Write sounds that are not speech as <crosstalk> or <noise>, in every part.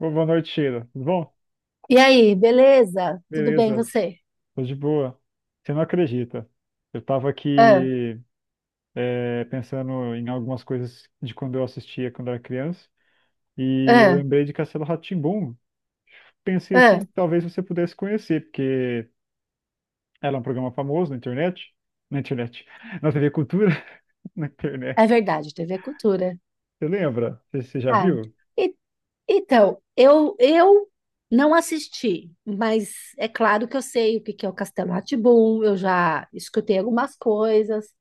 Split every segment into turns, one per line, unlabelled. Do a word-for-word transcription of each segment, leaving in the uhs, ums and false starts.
Bo- Boa noite, Sheila. Tudo bom?
E aí, beleza? Tudo bem
Beleza,
você?
tô de boa. Você não acredita. Eu tava
Ah,
aqui é, pensando em algumas coisas de quando eu assistia quando era criança e eu
ah,
lembrei de Castelo rá tim. Pensei
ah.
assim, talvez você pudesse conhecer, porque era um programa famoso na internet. Na internet. Na T V Cultura, <laughs> na internet.
É verdade, T V é Cultura.
Você lembra? Você, você já
Ah,
viu?
e- então, eu eu não assisti, mas é claro que eu sei o que que é o Castelo Rá Tim. Eu já escutei algumas coisas,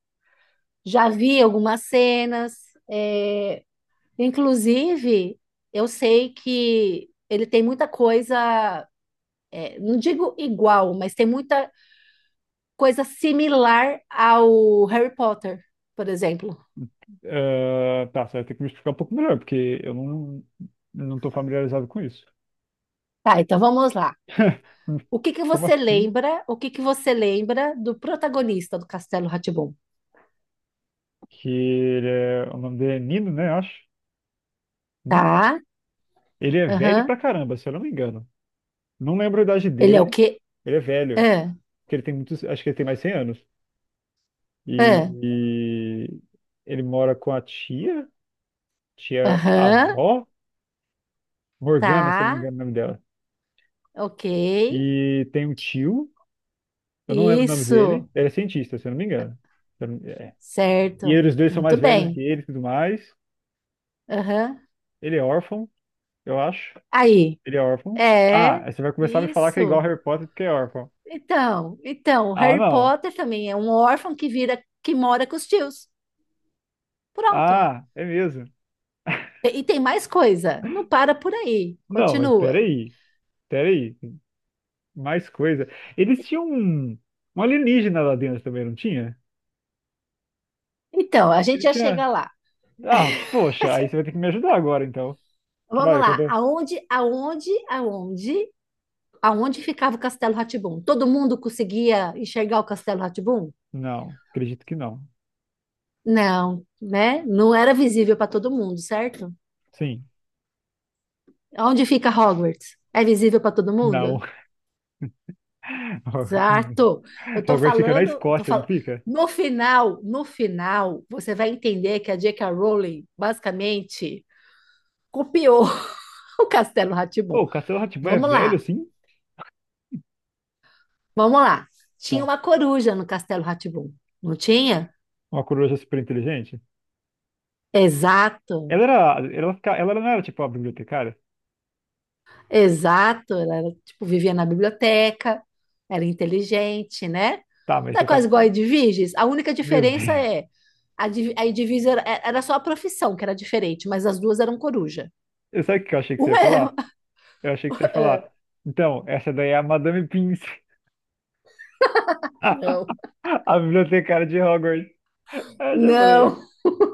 já vi algumas cenas. é, Inclusive, eu sei que ele tem muita coisa. É, não digo igual, mas tem muita coisa similar ao Harry Potter, por exemplo.
Ah, tá, você vai ter que me explicar um pouco melhor, porque eu não, não tô familiarizado com isso.
Tá, então vamos lá.
<laughs>
O que que
Como
você
assim?
lembra? O que que você lembra do protagonista do Castelo Rá Tim?
Que ele é, o nome dele é Nino, né? Eu acho. Nino.
Tá?
Ele é velho
Aham.
pra caramba, se eu não me engano. Não lembro a idade
Ele é o
dele.
quê?
Ele é velho,
Ah,
que ele tem muitos, acho que ele tem mais cem anos. E,
ah.
e ele mora com a tia, tia
Aham.
avó, Morgana, se eu não me
Tá.
engano o nome dela.
Ok.
E tem um tio, eu não lembro o nome dele,
Isso.
ele é cientista, se eu não me engano. Se eu não- É. E
Certo.
eles dois são
Muito
mais velhos que
bem.
ele e tudo mais.
Aham.
Ele é órfão, eu acho.
Aí.
Ele é órfão.
É.
Ah, aí você vai começar a me falar que é igual
Isso.
Harry Potter porque é órfão.
Então, então, o
Ah,
Harry
não.
Potter também é um órfão que vira, que mora com os tios. Pronto.
Ah, é mesmo.
E tem mais coisa, não para por aí,
Não, mas
continua.
peraí. Peraí. Mais coisa. Eles tinham um, um alienígena lá dentro também, não tinha?
Então, a gente
Ele
já chega
tinha.
lá.
Ah, poxa, aí você vai ter que me ajudar agora, então. Que
Vamos
olha, quando
lá.
eu-
Aonde, aonde, aonde, aonde ficava o Castelo Rá? Todo mundo conseguia enxergar o Castelo Rá?
Não, acredito que não.
Não, né? Não era visível para todo mundo, certo?
Sim.
Aonde fica Hogwarts? É visível para todo
Não.
mundo? Certo.
<laughs>
Eu tô
Hogwarts fica na
falando, eu tô
Escócia, não
falando.
fica?
No final, no final, você vai entender que a jota ka. Rowling basicamente copiou <laughs> o Castelo Rá.
Pô, o Castelo rá é
Vamos
velho
lá,
assim?
vamos lá. Tinha
Tá.
uma coruja no Castelo Rá, não tinha?
Uma coruja super inteligente?
Exato,
Ela era. Ela, fica- ela não era tipo a bibliotecária?
exato. Ela era, tipo, vivia na biblioteca, era inteligente, né?
Tá, mas
Não é
você tá.
quase igual a Edviges? A única
Meu
diferença
Deus.
é a, Div- a Edviges era, é, era só a profissão que era diferente, mas as duas eram coruja.
Eu- Sabe o que eu achei que você ia
Uma é...
falar? Eu achei que você ia falar.
<laughs>
Então, essa daí é a Madame Pince, <laughs>
Não,
a bibliotecária de Hogwarts. Aí eu já falei,
não,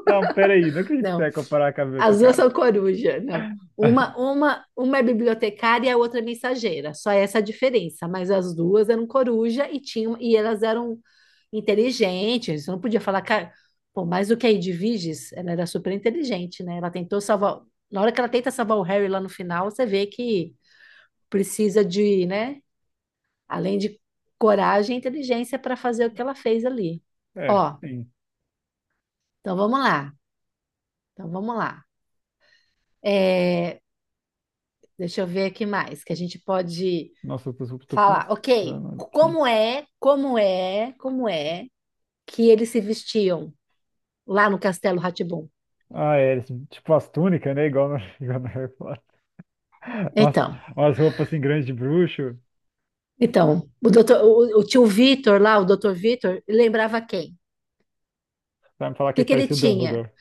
não, peraí, não acredito que você
não.
vai comparar com a
As duas
bibliotecária.
são coruja, não. Uma,
<laughs>
uma, uma é bibliotecária e a outra é mensageira. Só essa a diferença. Mas as duas eram coruja e tinham e elas eram inteligentes. Não podia falar, cara, pô, mais do que a Edwiges, ela era super inteligente, né? Ela tentou salvar. Na hora que ela tenta salvar o Harry lá no final, você vê que precisa de, né? Além de coragem e inteligência para fazer o que ela fez ali.
É,
Ó,
sim.
então vamos lá. Então vamos lá. É, Deixa eu ver aqui mais que a gente pode
Nossa, eu tô, tô
falar. Ok,
pensando aqui.
como é, como é, como é que eles se vestiam lá no Castelo Rá?
Ah, é, esse- tipo as túnicas, né? Igual no, <laughs> igual no Harry Potter. Nossa,
Então,
umas roupas assim grandes de bruxo.
então, o doutor, o, o tio Vitor lá, o doutor Vitor, ele lembrava quem? O
Vai me falar que
que,
ele
que ele
parecia o
tinha?
Dumbledore.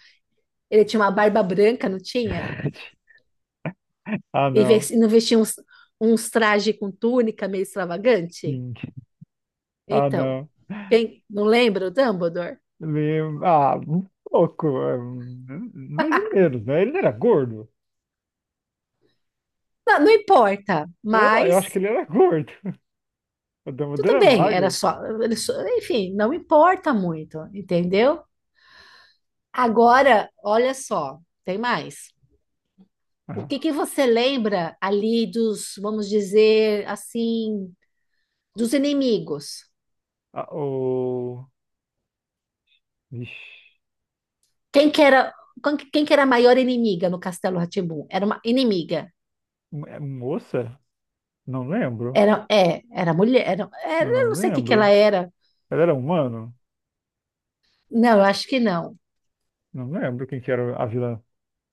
Ele tinha uma barba branca, não tinha?
<laughs> Ah,
E
não.
ves- não vestia uns, uns trajes com túnica meio extravagante?
Sim. Ah,
Então,
não.
quem- não lembra o Dumbledore?
Meio, ah, um pouco, é, mais ou menos, né? Ele era gordo.
Não, não importa,
Eu, eu acho que
mas...
ele era gordo. <laughs> O Dumbledore
Tudo
é
bem, era
magro.
só, ele só- enfim, não importa muito, entendeu? Agora, olha só, tem mais. O que
Ah,
que você lembra ali dos, vamos dizer assim, dos inimigos?
ah, o... Ixi,
Quem que era, quem que quem que era a maior inimiga no Castelo Rá? Era uma inimiga.
mo- é um moça? Não lembro.
Era, é, era mulher, era,
Eu
era- eu
não
não sei o que que ela
lembro.
era.
Ela era humano?
Não, eu acho que não.
Não lembro quem que era a vilã.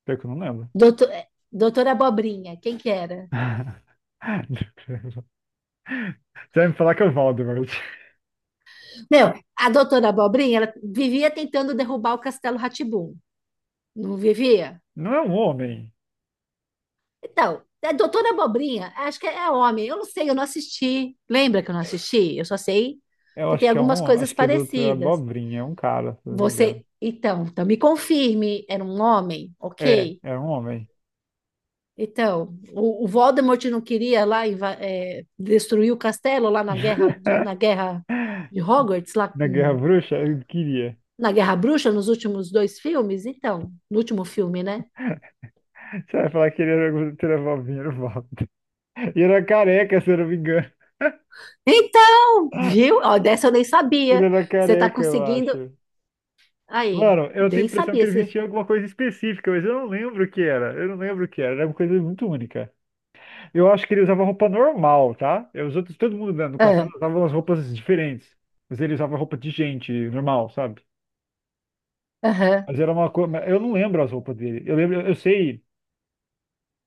Pior que eu não lembro.
Doutor, é, doutora Abobrinha, quem que era?
<laughs> Você vai me falar que é o Voldemort.
Meu, a doutora Abobrinha, ela vivia tentando derrubar o Castelo Rá. Não vivia?
Não é um homem.
Então, é Doutora Abobrinha, acho que é é homem. Eu não sei, eu não assisti. Lembra que eu não assisti? Eu só sei
Eu
que
acho
tem
que é um
algumas
homem.
coisas
Acho que ele é do outro, é
parecidas.
abobrinha. É um cara, se eu não me engano.
Você, então, então me confirme, era um homem,
É,
ok?
é um homem.
Então, o, o Voldemort não queria lá inva- eh, destruir o castelo lá na guerra, do- na guerra
<laughs>
de Hogwarts, lá
Na Guerra
com-
Bruxa? Eu queria.
na Guerra Bruxa, nos últimos dois filmes? Então, no último filme, né?
Você vai falar que ele era teravaldinho, era o Walter. E era careca, se eu não me engano.
Então, viu? Ó, dessa eu nem
Ele
sabia.
era
Você está
careca, eu
conseguindo.
acho.
Aí,
Mano, eu tenho a
nem
impressão que
sabia
ele
se.
vestia alguma coisa específica, mas eu não lembro o que era. Eu não lembro o que era. Era uma coisa muito única. Eu acho que ele usava roupa normal, tá? E os outros, todo mundo né, no
Ah,
castelo usava umas roupas diferentes. Mas ele usava roupa de gente normal, sabe?
aham.
Mas era uma coisa. Eu não lembro as roupas dele. Eu lembro, eu sei.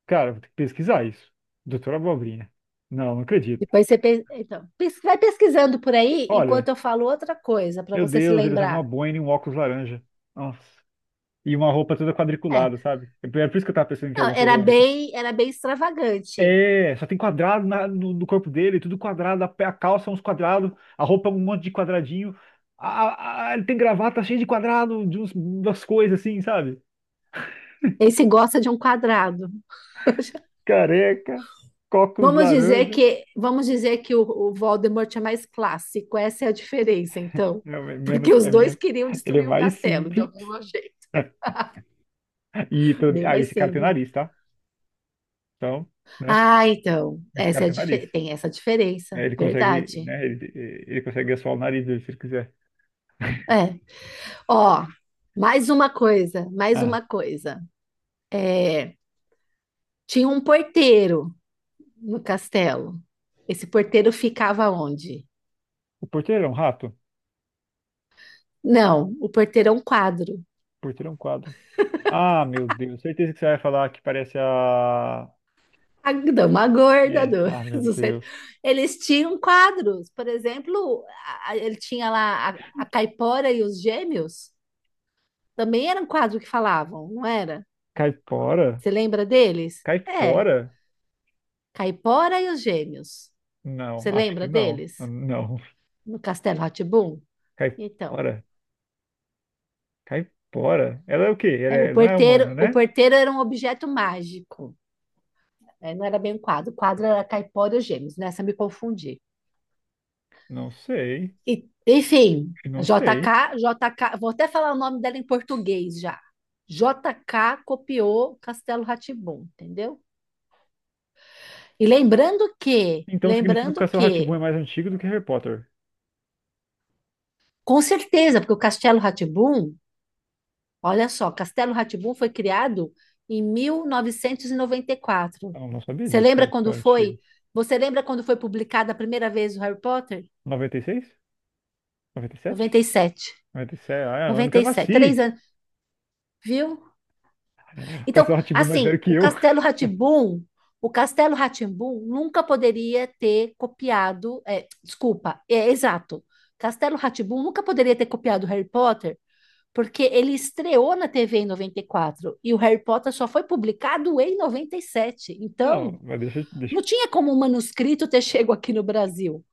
Cara, vou ter que pesquisar isso. Doutora Abobrinha. Não, não acredito.
Depois você pe- então, pes- vai pesquisando por aí
Olha,
enquanto eu falo outra coisa para
meu
você se
Deus, ele usava uma
lembrar.
boina e um óculos laranja. Nossa. E uma roupa toda
É,
quadriculada, sabe? Era por isso que eu tava pensando que era
não,
alguma coisa
era
única.
bem, era bem extravagante.
É, só tem quadrado na- no, no corpo dele, tudo quadrado, a, pe- a calça é uns quadrados, a roupa é um monte de quadradinho. A, a- a- ele tem gravata cheia de quadrado, de uns, umas coisas assim, sabe?
Esse gosta de um quadrado. <laughs>
Careca, óculos
Vamos dizer
laranja.
que, vamos dizer que o, o Voldemort é mais clássico. Essa é a diferença, então.
Não, é
Porque
menos,
os
é
dois
menos.
queriam
Ele é
destruir o
mais
castelo, de
simples.
algum jeito.
E pelo-
Bem
ah,
mais
esse cara tem
simples.
nariz, tá? Então, né?
Ah, então,
Esse cara
essa é a
tem nariz.
dife- tem essa diferença,
É, ele consegue,
verdade.
né? Ele, ele consegue assoar o nariz dele se ele quiser.
É. Ó, mais uma coisa, mais
Ah,
uma coisa. Tinha um porteiro no castelo. Esse porteiro ficava onde?
o porteiro é um rato? O
Não, o porteiro é um quadro.
porteiro é um quadro. Ah, meu Deus, certeza que você vai falar que parece a.
A dama gorda
É,
do,
ah,
<laughs>
meu
do centro.
Deus.
Eles tinham quadros, por exemplo, a- a- ele tinha lá a, a Caipora e os Gêmeos. Também era um quadro que falavam, não era?
Caipora?
Você lembra deles? É,
Caipora?
Caipora e os Gêmeos.
Não,
Você
acho que
lembra
não.
deles?
Não.
No Castelo Rá Tim.
<laughs>
Então.
Caipora? Caipora? Ela é o quê? Ela
É, O
é- não é humano,
porteiro, o
né?
porteiro era um objeto mágico, né? Não era bem um quadro. O quadro era Caipora e os Gêmeos. Nessa eu me confundi.
Não sei.
E, enfim,
Não
J
sei.
K J K, vou até falar o nome dela em português já. J K copiou Castelo Rá, entendeu? E lembrando que,
Então significa que o
lembrando
Castelo rá tim
que,
é mais antigo do que Harry Potter.
com certeza, porque o Castelo Rá... Olha só, Castelo Rá foi criado em mil novecentos e e noventa e quatro.
Eu não sabia
Você
disso,
lembra
cara,
quando
tão antigo.
foi? Você lembra quando foi publicada a primeira vez o Harry Potter?
noventa e seis?
Noventa noventa
noventa e sete?
e sete,
Mas isso é, é ano que
noventa
eu
e sete,
nasci.
três anos, viu?
Castelo
Então,
rá tim mais velho
assim,
que
o
eu.
Castelo rá o Castelo Rá nunca poderia ter copiado, é, desculpa, é exato. Castelo Rá nunca poderia ter copiado o Harry Potter. Porque ele estreou na T V em noventa e quatro e o Harry Potter só foi publicado em noventa e sete. Então,
Não, mas deixa, eu- deixa.
não tinha como o manuscrito ter <laughs> chego aqui no Brasil.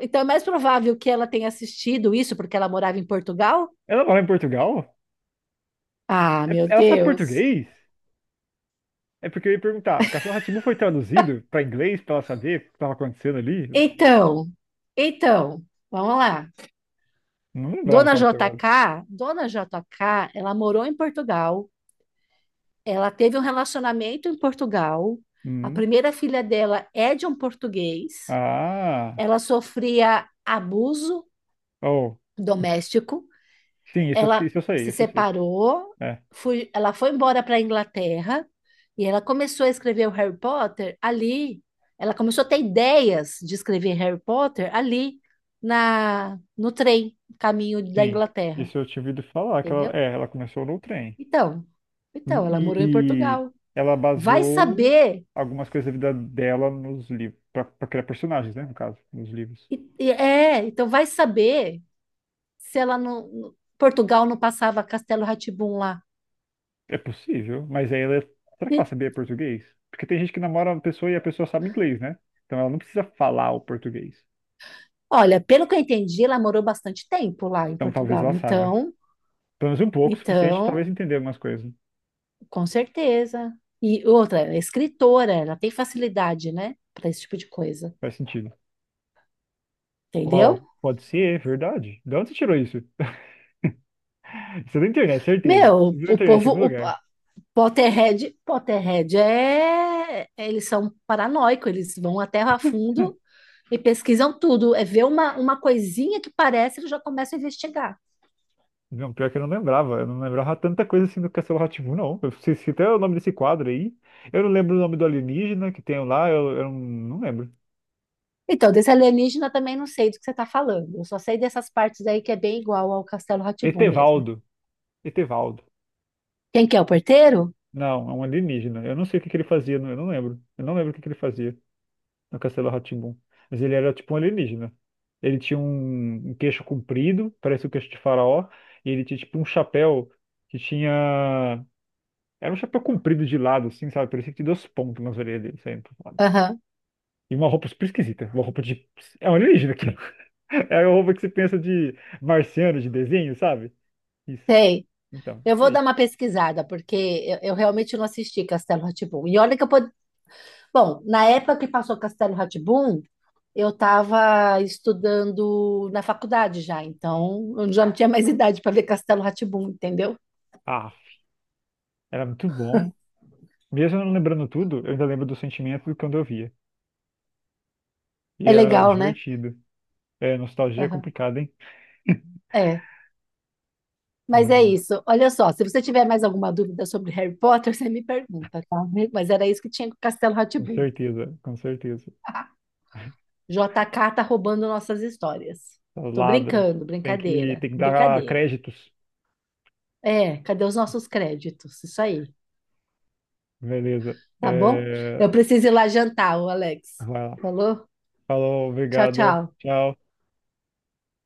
Então, é mais provável que ela tenha assistido isso porque ela morava em Portugal?
eu- Ela mora em Portugal?
Ah,
É-
meu
Ela sabe
Deus.
português? É porque eu ia perguntar. Castelo rá foi traduzido para inglês para ela saber o que estava acontecendo ali?
Então, então, vamos lá.
Não lembrava que
Dona
ela
J
tinha olhado.
K, Dona J K, ela morou em Portugal, ela teve um relacionamento em Portugal, a
Hum.
primeira filha dela é de um português.
Ah,
Ela sofria abuso
oh,
doméstico,
sim, isso,
ela
isso eu sei,
se
isso eu sei.
separou,
É,
fui- ela foi embora para a Inglaterra e ela começou a escrever o Harry Potter ali. Ela começou a ter ideias de escrever Harry Potter ali na no trem, caminho da
sim.
Inglaterra,
Isso eu tinha ouvido falar que ela,
entendeu?
é, ela começou no trem.
Então, então ela morou em
E
Portugal.
ela
Vai
baseou
saber,
algumas coisas da vida dela nos livros, para criar personagens, né, no caso, nos livros.
e- e- é, então vai saber se ela não, Portugal não passava Castelo Rá lá.
É possível, mas aí ela, será que ela sabia português? Porque tem gente que namora uma pessoa e a pessoa sabe inglês, né? Então ela não precisa falar o português.
Olha, pelo que eu entendi, ela morou bastante tempo lá em
Então talvez ela
Portugal.
saiba.
Então,
Pelo menos um pouco, o suficiente,
então,
talvez entender algumas coisas.
com certeza. E outra, ela é escritora, ela tem facilidade, né, para esse tipo de coisa.
Faz sentido.
Entendeu?
Uau, pode ser, é verdade. De onde você tirou isso? <laughs> Isso é da internet, certeza.
Meu,
Isso é da
o
internet em
povo,
algum
o
lugar.
pa- Potterhead, Potterhead é, eles são paranoicos, eles vão até a fundo e pesquisam tudo. É ver uma, uma coisinha que parece, eles já começam a investigar.
Não, pior que eu não lembrava. Eu não lembrava tanta coisa assim do Castelo rá tim não. Eu sei se até o nome desse quadro aí. Eu não lembro o nome do alienígena que tem lá. Eu, eu não lembro.
Então, desse alienígena eu também não sei do que você está falando. Eu só sei dessas partes aí que é bem igual ao Castelo Rá mesmo.
Etevaldo. Etevaldo.
Quem que é o porteiro?
Não, é um alienígena. Eu não sei o que que ele fazia. não- Eu não lembro. Eu não lembro o que que ele fazia no Castelo rá tim. Mas ele era tipo um alienígena. Ele tinha um, um queixo comprido, parece o queixo de faraó. E ele tinha tipo um chapéu que tinha... Era um chapéu comprido de lado, assim, sabe? Parecia que tinha duas pontas nas orelhas dele, sempre.
Aham,
E uma roupa super esquisita. Uma roupa de. É um alienígena aquilo. <laughs> É uma roupa que você pensa de marciano, de desenho, sabe? Isso.
sei.
Então,
Eu
isso
vou dar
aí.
uma pesquisada, porque eu, eu realmente não assisti Castelo Rá Tim. E olha que eu pod... Bom, na época que passou Castelo Rá Tim, eu estava estudando na faculdade já, então eu já não tinha mais idade para ver Castelo Rá Tim, entendeu?
Ah, era muito bom. Mesmo eu não lembrando tudo, eu ainda lembro do sentimento do quando eu via. E
É
era
legal, né?
divertido. É, nostalgia é
Aham.
complicada, hein?
É. Mas é
Não,
isso. Olha só, se você tiver mais alguma dúvida sobre Harry Potter, <laughs> você me pergunta, tá? Mas era isso que tinha com Castelo Rá Tim.
com certeza, com certeza.
<laughs> jota ka tá roubando nossas histórias. Tô
Ladra.
brincando,
Tem que,
brincadeira,
tem que dar
brincadeira.
créditos.
É, cadê os nossos créditos? Isso aí,
Beleza.
tá bom? Eu
É,
preciso ir lá jantar, o Alex.
vai lá.
Falou?
Falou,
Tchau,
obrigado.
tchau.
Tchau.